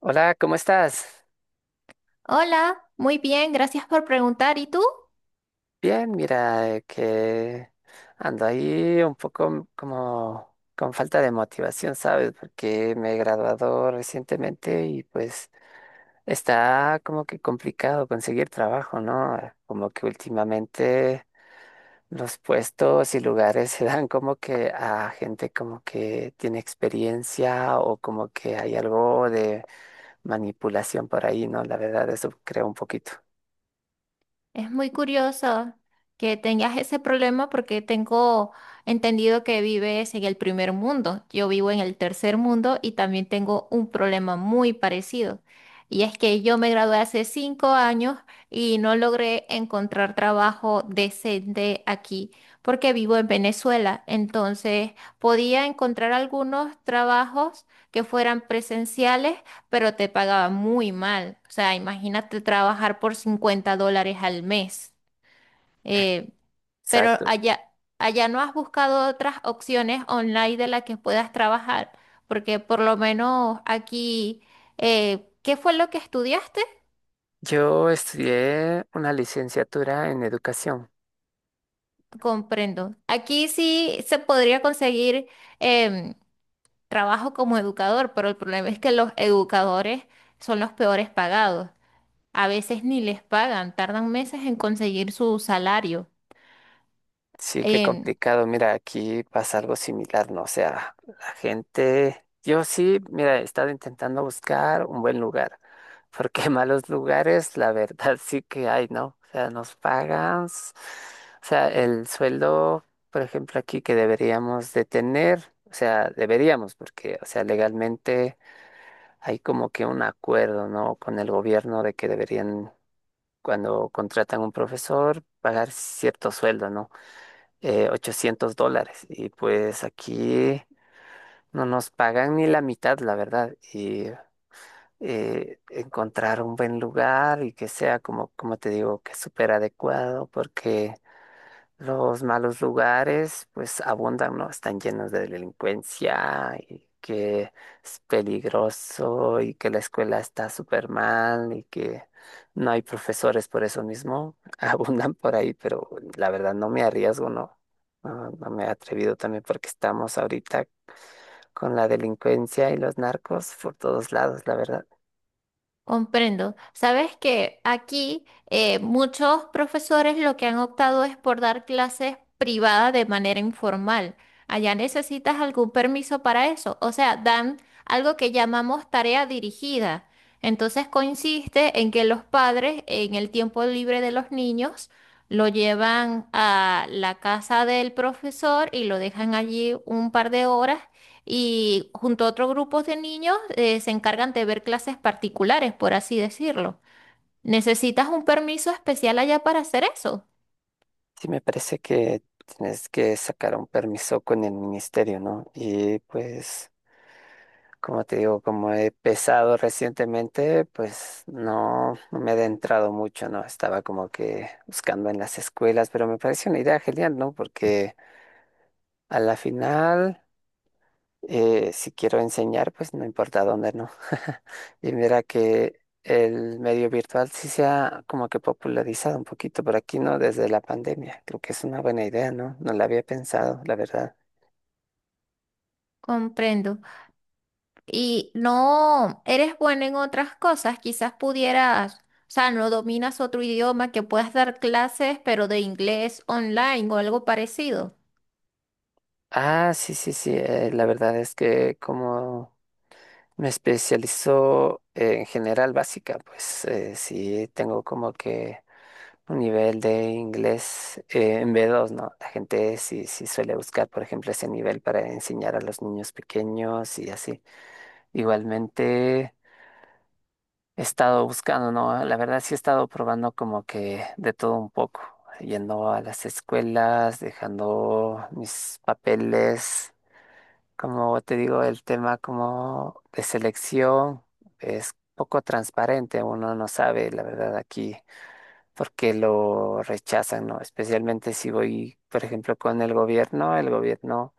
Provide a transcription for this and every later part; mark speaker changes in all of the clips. Speaker 1: Hola, ¿cómo estás?
Speaker 2: Hola, muy bien, gracias por preguntar. ¿Y tú?
Speaker 1: Bien, mira, que ando ahí un poco como con falta de motivación, ¿sabes? Porque me he graduado recientemente y pues está como que complicado conseguir trabajo, ¿no? Como que últimamente los puestos y lugares se dan como que a gente como que tiene experiencia o como que hay algo de manipulación por ahí, ¿no? La verdad, eso creo un poquito.
Speaker 2: Es muy curioso que tengas ese problema porque tengo entendido que vives en el primer mundo. Yo vivo en el tercer mundo y también tengo un problema muy parecido. Y es que yo me gradué hace 5 años y no logré encontrar trabajo decente aquí porque vivo en Venezuela. Entonces podía encontrar algunos trabajos que fueran presenciales pero te pagaba muy mal. O sea, imagínate trabajar por $50 al mes. Eh, pero
Speaker 1: Exacto.
Speaker 2: allá, allá no has buscado otras opciones online de las que puedas trabajar, porque por lo menos aquí, ¿qué fue lo que estudiaste?
Speaker 1: Yo estudié una licenciatura en educación.
Speaker 2: Comprendo. Aquí sí se podría conseguir em, trabajo como educador, pero el problema es que los educadores son los peores pagados. A veces ni les pagan, tardan meses en conseguir su salario.
Speaker 1: Sí, qué
Speaker 2: Em,
Speaker 1: complicado. Mira, aquí pasa algo similar, ¿no? O sea, la gente, yo sí, mira, he estado intentando buscar un buen lugar, porque malos lugares, la verdad, sí que hay, ¿no? O sea, nos pagan, o sea, el sueldo, por ejemplo, aquí que deberíamos de tener, o sea, deberíamos, porque, o sea, legalmente hay como que un acuerdo, ¿no? Con el gobierno de que deberían cuando contratan un profesor, pagar cierto sueldo, ¿no? $800. Y pues aquí no nos pagan ni la mitad, la verdad. Y encontrar un buen lugar y que sea, como te digo, que súper adecuado, porque los malos lugares, pues abundan, ¿no? Están llenos de delincuencia y que es peligroso y que la escuela está súper mal y que no hay profesores por eso mismo. Abundan por ahí, pero la verdad no me arriesgo, ¿no? No, no me he atrevido también porque estamos ahorita con la delincuencia y los narcos por todos lados, la verdad.
Speaker 2: comprendo. Sabes que aquí muchos profesores lo que han optado es por dar clases privadas de manera informal. Allá necesitas algún permiso para eso. O sea, dan algo que llamamos tarea dirigida. Entonces consiste en que los padres en el tiempo libre de los niños lo llevan a la casa del profesor y lo dejan allí un par de horas y junto a otros grupos de niños se encargan de ver clases particulares, por así decirlo. ¿Necesitas un permiso especial allá para hacer eso?
Speaker 1: Sí, me parece que tienes que sacar un permiso con el ministerio, ¿no? Y pues. Como te digo, como he pesado recientemente, pues no, no me he adentrado mucho, ¿no? Estaba como que buscando en las escuelas, pero me parece una idea genial, ¿no? Porque a la final, si quiero enseñar, pues no importa dónde, ¿no? Y mira que el medio virtual sí se ha como que popularizado un poquito por aquí, ¿no? Desde la pandemia. Creo que es una buena idea, ¿no? No la había pensado, la verdad.
Speaker 2: Comprendo. ¿Y no eres buena en otras cosas? Quizás pudieras, o sea, ¿no dominas otro idioma que puedas dar clases, pero de inglés online o algo parecido?
Speaker 1: Ah, sí, sí, sí. La verdad es que como. Me especializo en general básica, pues sí tengo como que un nivel de inglés en B2, ¿no? La gente sí, sí suele buscar, por ejemplo, ese nivel para enseñar a los niños pequeños y así. Igualmente he estado buscando, ¿no? La verdad sí he estado probando como que de todo un poco, yendo a las escuelas, dejando mis papeles como te digo, el tema como de selección es poco transparente, uno no sabe la verdad aquí por qué lo rechazan, ¿no? Especialmente si voy, por ejemplo, con el gobierno,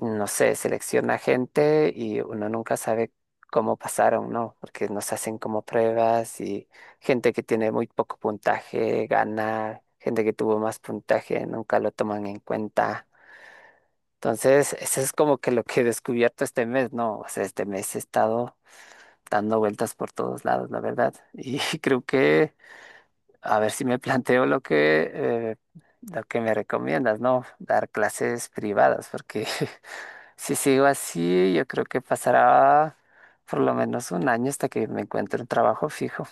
Speaker 1: no sé, selecciona gente y uno nunca sabe cómo pasaron, ¿no? Porque nos hacen como pruebas y gente que tiene muy poco puntaje gana, gente que tuvo más puntaje nunca lo toman en cuenta. Entonces, eso es como que lo que he descubierto este mes, ¿no? O sea, este mes he estado dando vueltas por todos lados, la verdad. Y creo que, a ver si me planteo lo que me recomiendas, ¿no? Dar clases privadas, porque si sigo así, yo creo que pasará por lo menos un año hasta que me encuentre un trabajo fijo.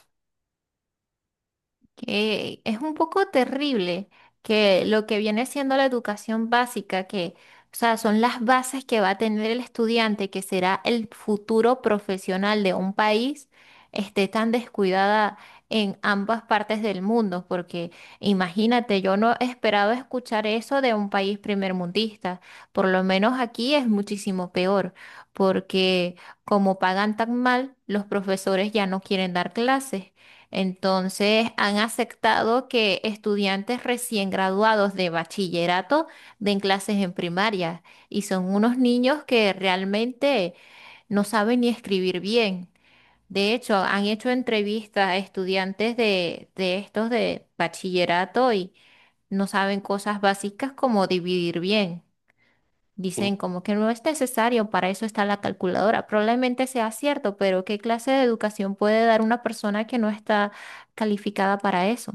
Speaker 2: Que es un poco terrible que lo que viene siendo la educación básica, que, o sea, son las bases que va a tener el estudiante, que será el futuro profesional de un país, esté tan descuidada en ambas partes del mundo, porque imagínate, yo no esperaba escuchar eso de un país primermundista. Por lo menos aquí es muchísimo peor, porque como pagan tan mal, los profesores ya no quieren dar clases. Entonces, han aceptado que estudiantes recién graduados de bachillerato den clases en primaria y son unos niños que realmente no saben ni escribir bien. De hecho, han hecho entrevistas a estudiantes de estos de bachillerato y no saben cosas básicas como dividir bien. Dicen como que no es necesario, para eso está la calculadora. Probablemente sea cierto, pero ¿qué clase de educación puede dar una persona que no está calificada para eso?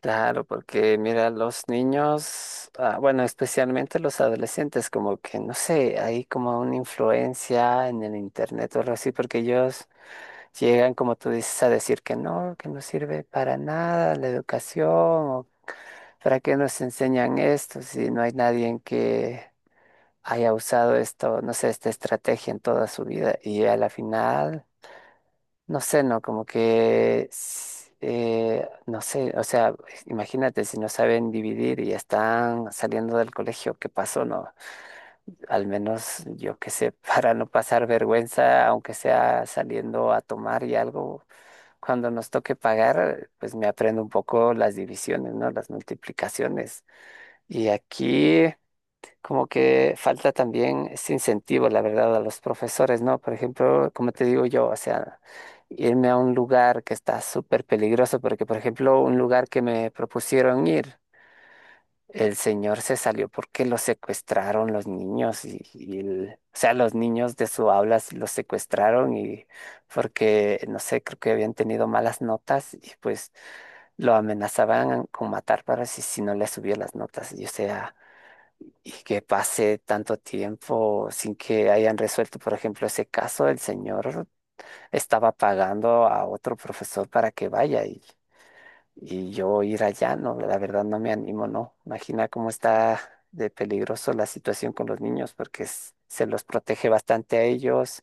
Speaker 1: Claro, porque mira, los niños, ah, bueno, especialmente los adolescentes, como que no sé, hay como una influencia en el internet o algo así, porque ellos llegan, como tú dices, a decir que no sirve para nada la educación, o para qué nos enseñan esto si no hay nadie en que haya usado esto, no sé, esta estrategia en toda su vida, y a la final. No sé, no, como que, no sé, o sea, imagínate si no saben dividir y están saliendo del colegio, ¿qué pasó? No, al menos yo qué sé, para no pasar vergüenza, aunque sea saliendo a tomar y algo, cuando nos toque pagar, pues me aprendo un poco las divisiones, ¿no? Las multiplicaciones. Y aquí como que falta también ese incentivo, la verdad, a los profesores, ¿no? Por ejemplo, como te digo yo, o sea, irme a un lugar que está súper peligroso, porque, por ejemplo, un lugar que me propusieron ir, el señor se salió porque lo secuestraron los niños, y o sea, los niños de su aula los secuestraron y porque, no sé, creo que habían tenido malas notas y pues lo amenazaban con matar para si no le subía las notas, y o sea y que pase tanto tiempo sin que hayan resuelto, por ejemplo, ese caso, el señor estaba pagando a otro profesor para que vaya y yo ir allá, no, la verdad no me animo, no. Imagina cómo está de peligroso la situación con los niños porque se los protege bastante a ellos,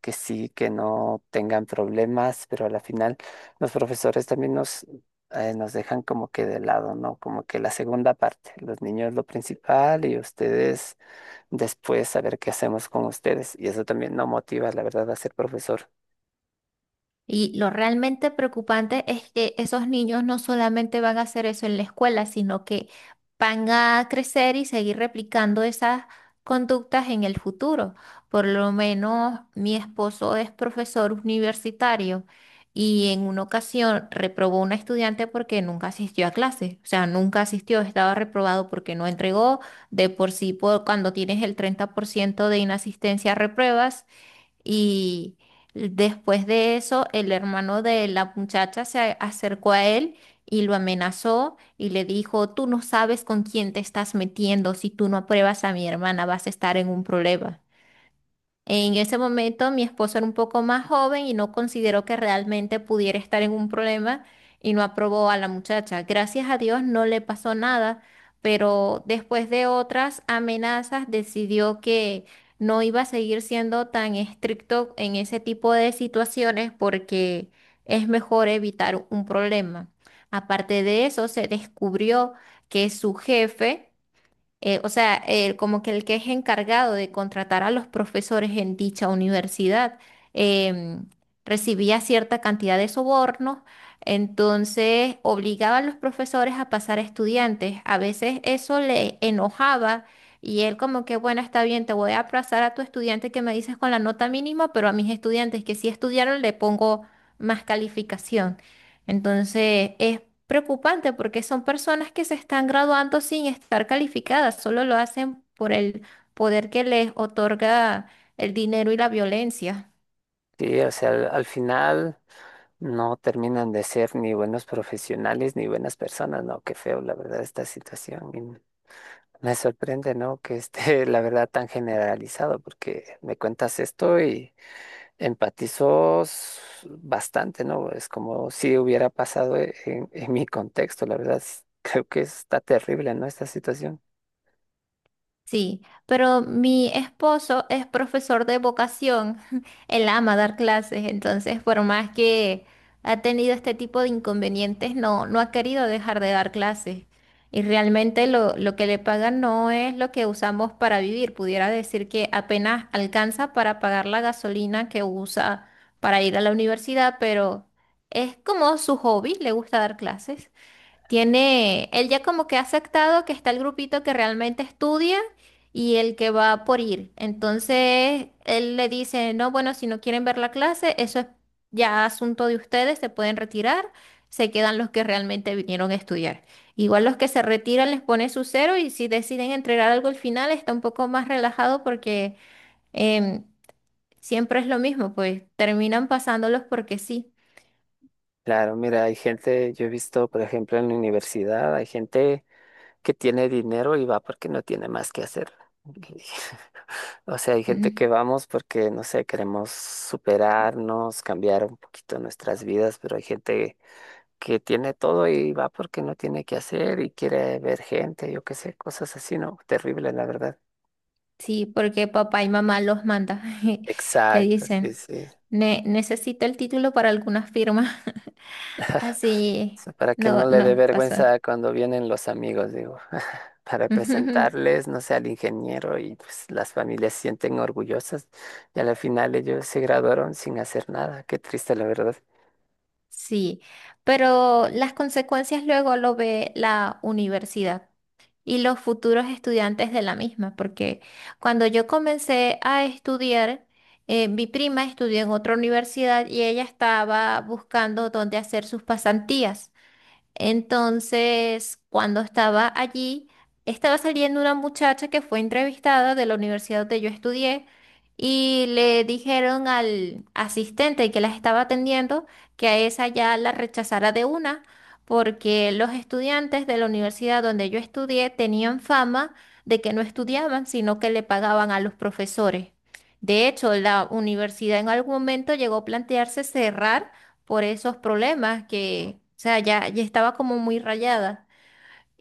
Speaker 1: que sí, que no tengan problemas, pero a la final los profesores también nos dejan como que de lado, ¿no? Como que la segunda parte, los niños lo principal y ustedes después saber qué hacemos con ustedes. Y eso también no motiva, la verdad, a ser profesor.
Speaker 2: Y lo realmente preocupante es que esos niños no solamente van a hacer eso en la escuela, sino que van a crecer y seguir replicando esas conductas en el futuro. Por lo menos mi esposo es profesor universitario y en una ocasión reprobó una estudiante porque nunca asistió a clase. O sea, nunca asistió, estaba reprobado porque no entregó. De por sí, cuando tienes el 30% de inasistencia, repruebas. Y después de eso, el hermano de la muchacha se acercó a él y lo amenazó y le dijo: "Tú no sabes con quién te estás metiendo, si tú no apruebas a mi hermana vas a estar en un problema." En ese momento mi esposo era un poco más joven y no consideró que realmente pudiera estar en un problema y no aprobó a la muchacha. Gracias a Dios no le pasó nada, pero después de otras amenazas decidió que no iba a seguir siendo tan estricto en ese tipo de situaciones porque es mejor evitar un problema. Aparte de eso, se descubrió que su jefe, o sea, como que el que es encargado de contratar a los profesores en dicha universidad, em, recibía cierta cantidad de sobornos. Entonces obligaba a los profesores a pasar a estudiantes. A veces eso le enojaba y él como que, bueno, está bien, te voy a pasar a tu estudiante que me dices con la nota mínima, pero a mis estudiantes que sí estudiaron le pongo más calificación. Entonces, es preocupante porque son personas que se están graduando sin estar calificadas, solo lo hacen por el poder que les otorga el dinero y la violencia.
Speaker 1: Sí, o sea, al final no terminan de ser ni buenos profesionales ni buenas personas, ¿no? Qué feo, la verdad, esta situación. Y me sorprende, ¿no? Que esté, la verdad, tan generalizado, porque me cuentas esto y empatizo bastante, ¿no? Es como si hubiera pasado en mi contexto, la verdad. Creo que está terrible, ¿no? Esta situación.
Speaker 2: Sí, pero mi esposo es profesor de vocación, él ama dar clases, entonces por más que ha tenido este tipo de inconvenientes, no, no ha querido dejar de dar clases. Y realmente lo que le pagan no es lo que usamos para vivir, pudiera decir que apenas alcanza para pagar la gasolina que usa para ir a la universidad, pero es como su hobby, le gusta dar clases. Tiene, él ya como que ha aceptado que está el grupito que realmente estudia y el que va por ir. Entonces, él le dice: "No, bueno, si no quieren ver la clase, eso es ya asunto de ustedes, se pueden retirar, se quedan los que realmente vinieron a estudiar." Igual los que se retiran les pone su cero y si deciden entregar algo al final está un poco más relajado porque, em, siempre es lo mismo, pues terminan pasándolos porque sí.
Speaker 1: Claro, mira, hay gente, yo he visto, por ejemplo, en la universidad, hay gente que tiene dinero y va porque no tiene más que hacer. Y- O sea, hay gente que
Speaker 2: Ujú.
Speaker 1: vamos porque, no sé, queremos superarnos, cambiar un poquito nuestras vidas, pero hay gente que tiene todo y va porque no tiene que hacer y quiere ver gente, yo qué sé, cosas así, ¿no? Terrible, la verdad.
Speaker 2: Sí, porque papá y mamá los manda. Le
Speaker 1: Exacto, sí,
Speaker 2: dicen:
Speaker 1: sí.
Speaker 2: Necesito el título para alguna firma." Así,
Speaker 1: Sea, para que
Speaker 2: no,
Speaker 1: no le dé
Speaker 2: no, pasó.
Speaker 1: vergüenza cuando vienen los amigos, digo, para presentarles, no sé, al ingeniero y pues las familias se sienten orgullosas y al final ellos se graduaron sin hacer nada. Qué triste, la verdad.
Speaker 2: Sí, pero las consecuencias luego lo ve la universidad y los futuros estudiantes de la misma, porque cuando yo comencé a estudiar, mi prima estudió en otra universidad y ella estaba buscando dónde hacer sus pasantías. Entonces, cuando estaba allí, estaba saliendo una muchacha que fue entrevistada de la universidad donde yo estudié y le dijeron al asistente que las estaba atendiendo que a esa ya la rechazara de una, porque los estudiantes de la universidad donde yo estudié tenían fama de que no estudiaban, sino que le pagaban a los profesores. De hecho, la universidad en algún momento llegó a plantearse cerrar por esos problemas, que, o sea, ya, ya estaba como muy rayada.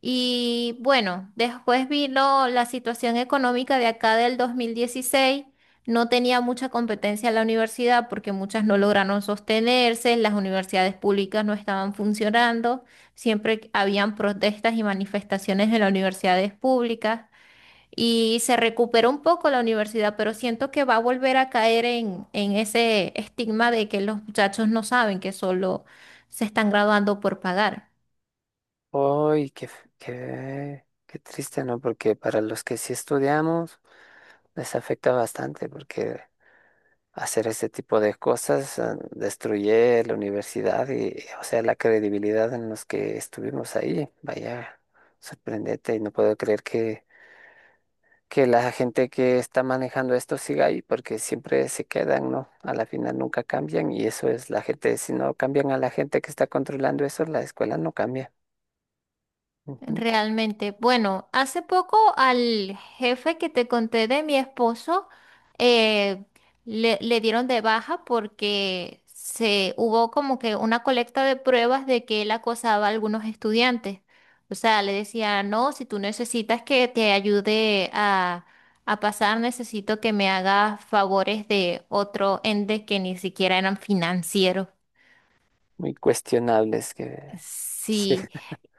Speaker 2: Y bueno, después vino la situación económica de acá del 2016. No tenía mucha competencia en la universidad porque muchas no lograron sostenerse, las universidades públicas no estaban funcionando, siempre habían protestas y manifestaciones en las universidades públicas y se recuperó un poco la universidad, pero siento que va a volver a caer en ese estigma de que los muchachos no saben, que solo se están graduando por pagar.
Speaker 1: Uy, qué triste, ¿no? Porque para los que sí estudiamos les afecta bastante porque hacer ese tipo de cosas destruye la universidad y, o sea, la credibilidad en los que estuvimos ahí. Vaya, sorprendente y no puedo creer que la gente que está manejando esto siga ahí, porque siempre se quedan, ¿no? A la final nunca cambian y eso es la gente, si no cambian a la gente que está controlando eso, la escuela no cambia. Ujú.
Speaker 2: Realmente, bueno, hace poco al jefe que te conté de mi esposo, eh, le dieron de baja porque se hubo como que una colecta de pruebas de que él acosaba a algunos estudiantes. O sea, le decía: "No, si tú necesitas que te ayude a pasar, necesito que me hagas favores de otro ente que ni siquiera eran financieros."
Speaker 1: Muy cuestionables que sí,
Speaker 2: Sí.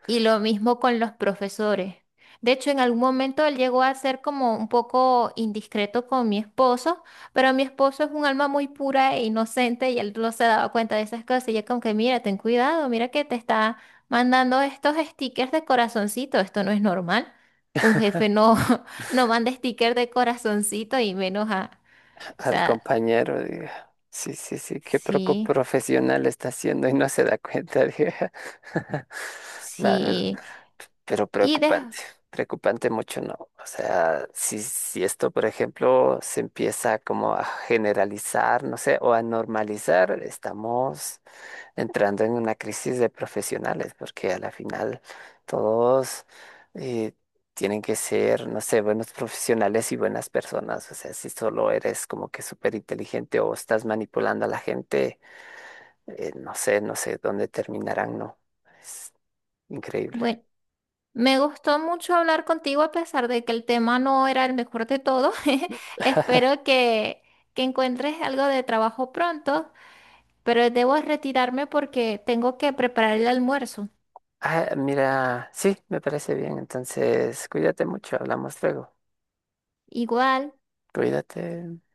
Speaker 2: Y lo mismo con los profesores. De hecho, en algún momento él llegó a ser como un poco indiscreto con mi esposo, pero mi esposo es un alma muy pura e inocente y él no se daba cuenta de esas cosas. Y yo como que, mira, ten cuidado, mira que te está mandando estos stickers de corazoncito, esto no es normal. Un jefe no, no manda stickers de corazoncito y menos a... O
Speaker 1: al
Speaker 2: sea,
Speaker 1: compañero, diga, sí, sí, sí, qué poco
Speaker 2: sí,
Speaker 1: profesional está haciendo y no se da cuenta, diga. La verdad.
Speaker 2: sí.
Speaker 1: Pero
Speaker 2: Y de...
Speaker 1: preocupante, preocupante mucho no. O sea, si esto, por ejemplo, se empieza como a generalizar, no sé, o a normalizar, estamos entrando en una crisis de profesionales, porque a la final todos eh, tienen que ser, no sé, buenos profesionales y buenas personas. O sea, si solo eres como que súper inteligente o estás manipulando a la gente, no sé, no sé dónde terminarán, no. Es increíble.
Speaker 2: Bueno. Me gustó mucho hablar contigo a pesar de que el tema no era el mejor de todos. Espero que encuentres algo de trabajo pronto, pero debo retirarme porque tengo que preparar el almuerzo.
Speaker 1: Ah, mira, sí, me parece bien. Entonces, cuídate mucho, hablamos luego.
Speaker 2: Igual.
Speaker 1: Cuídate.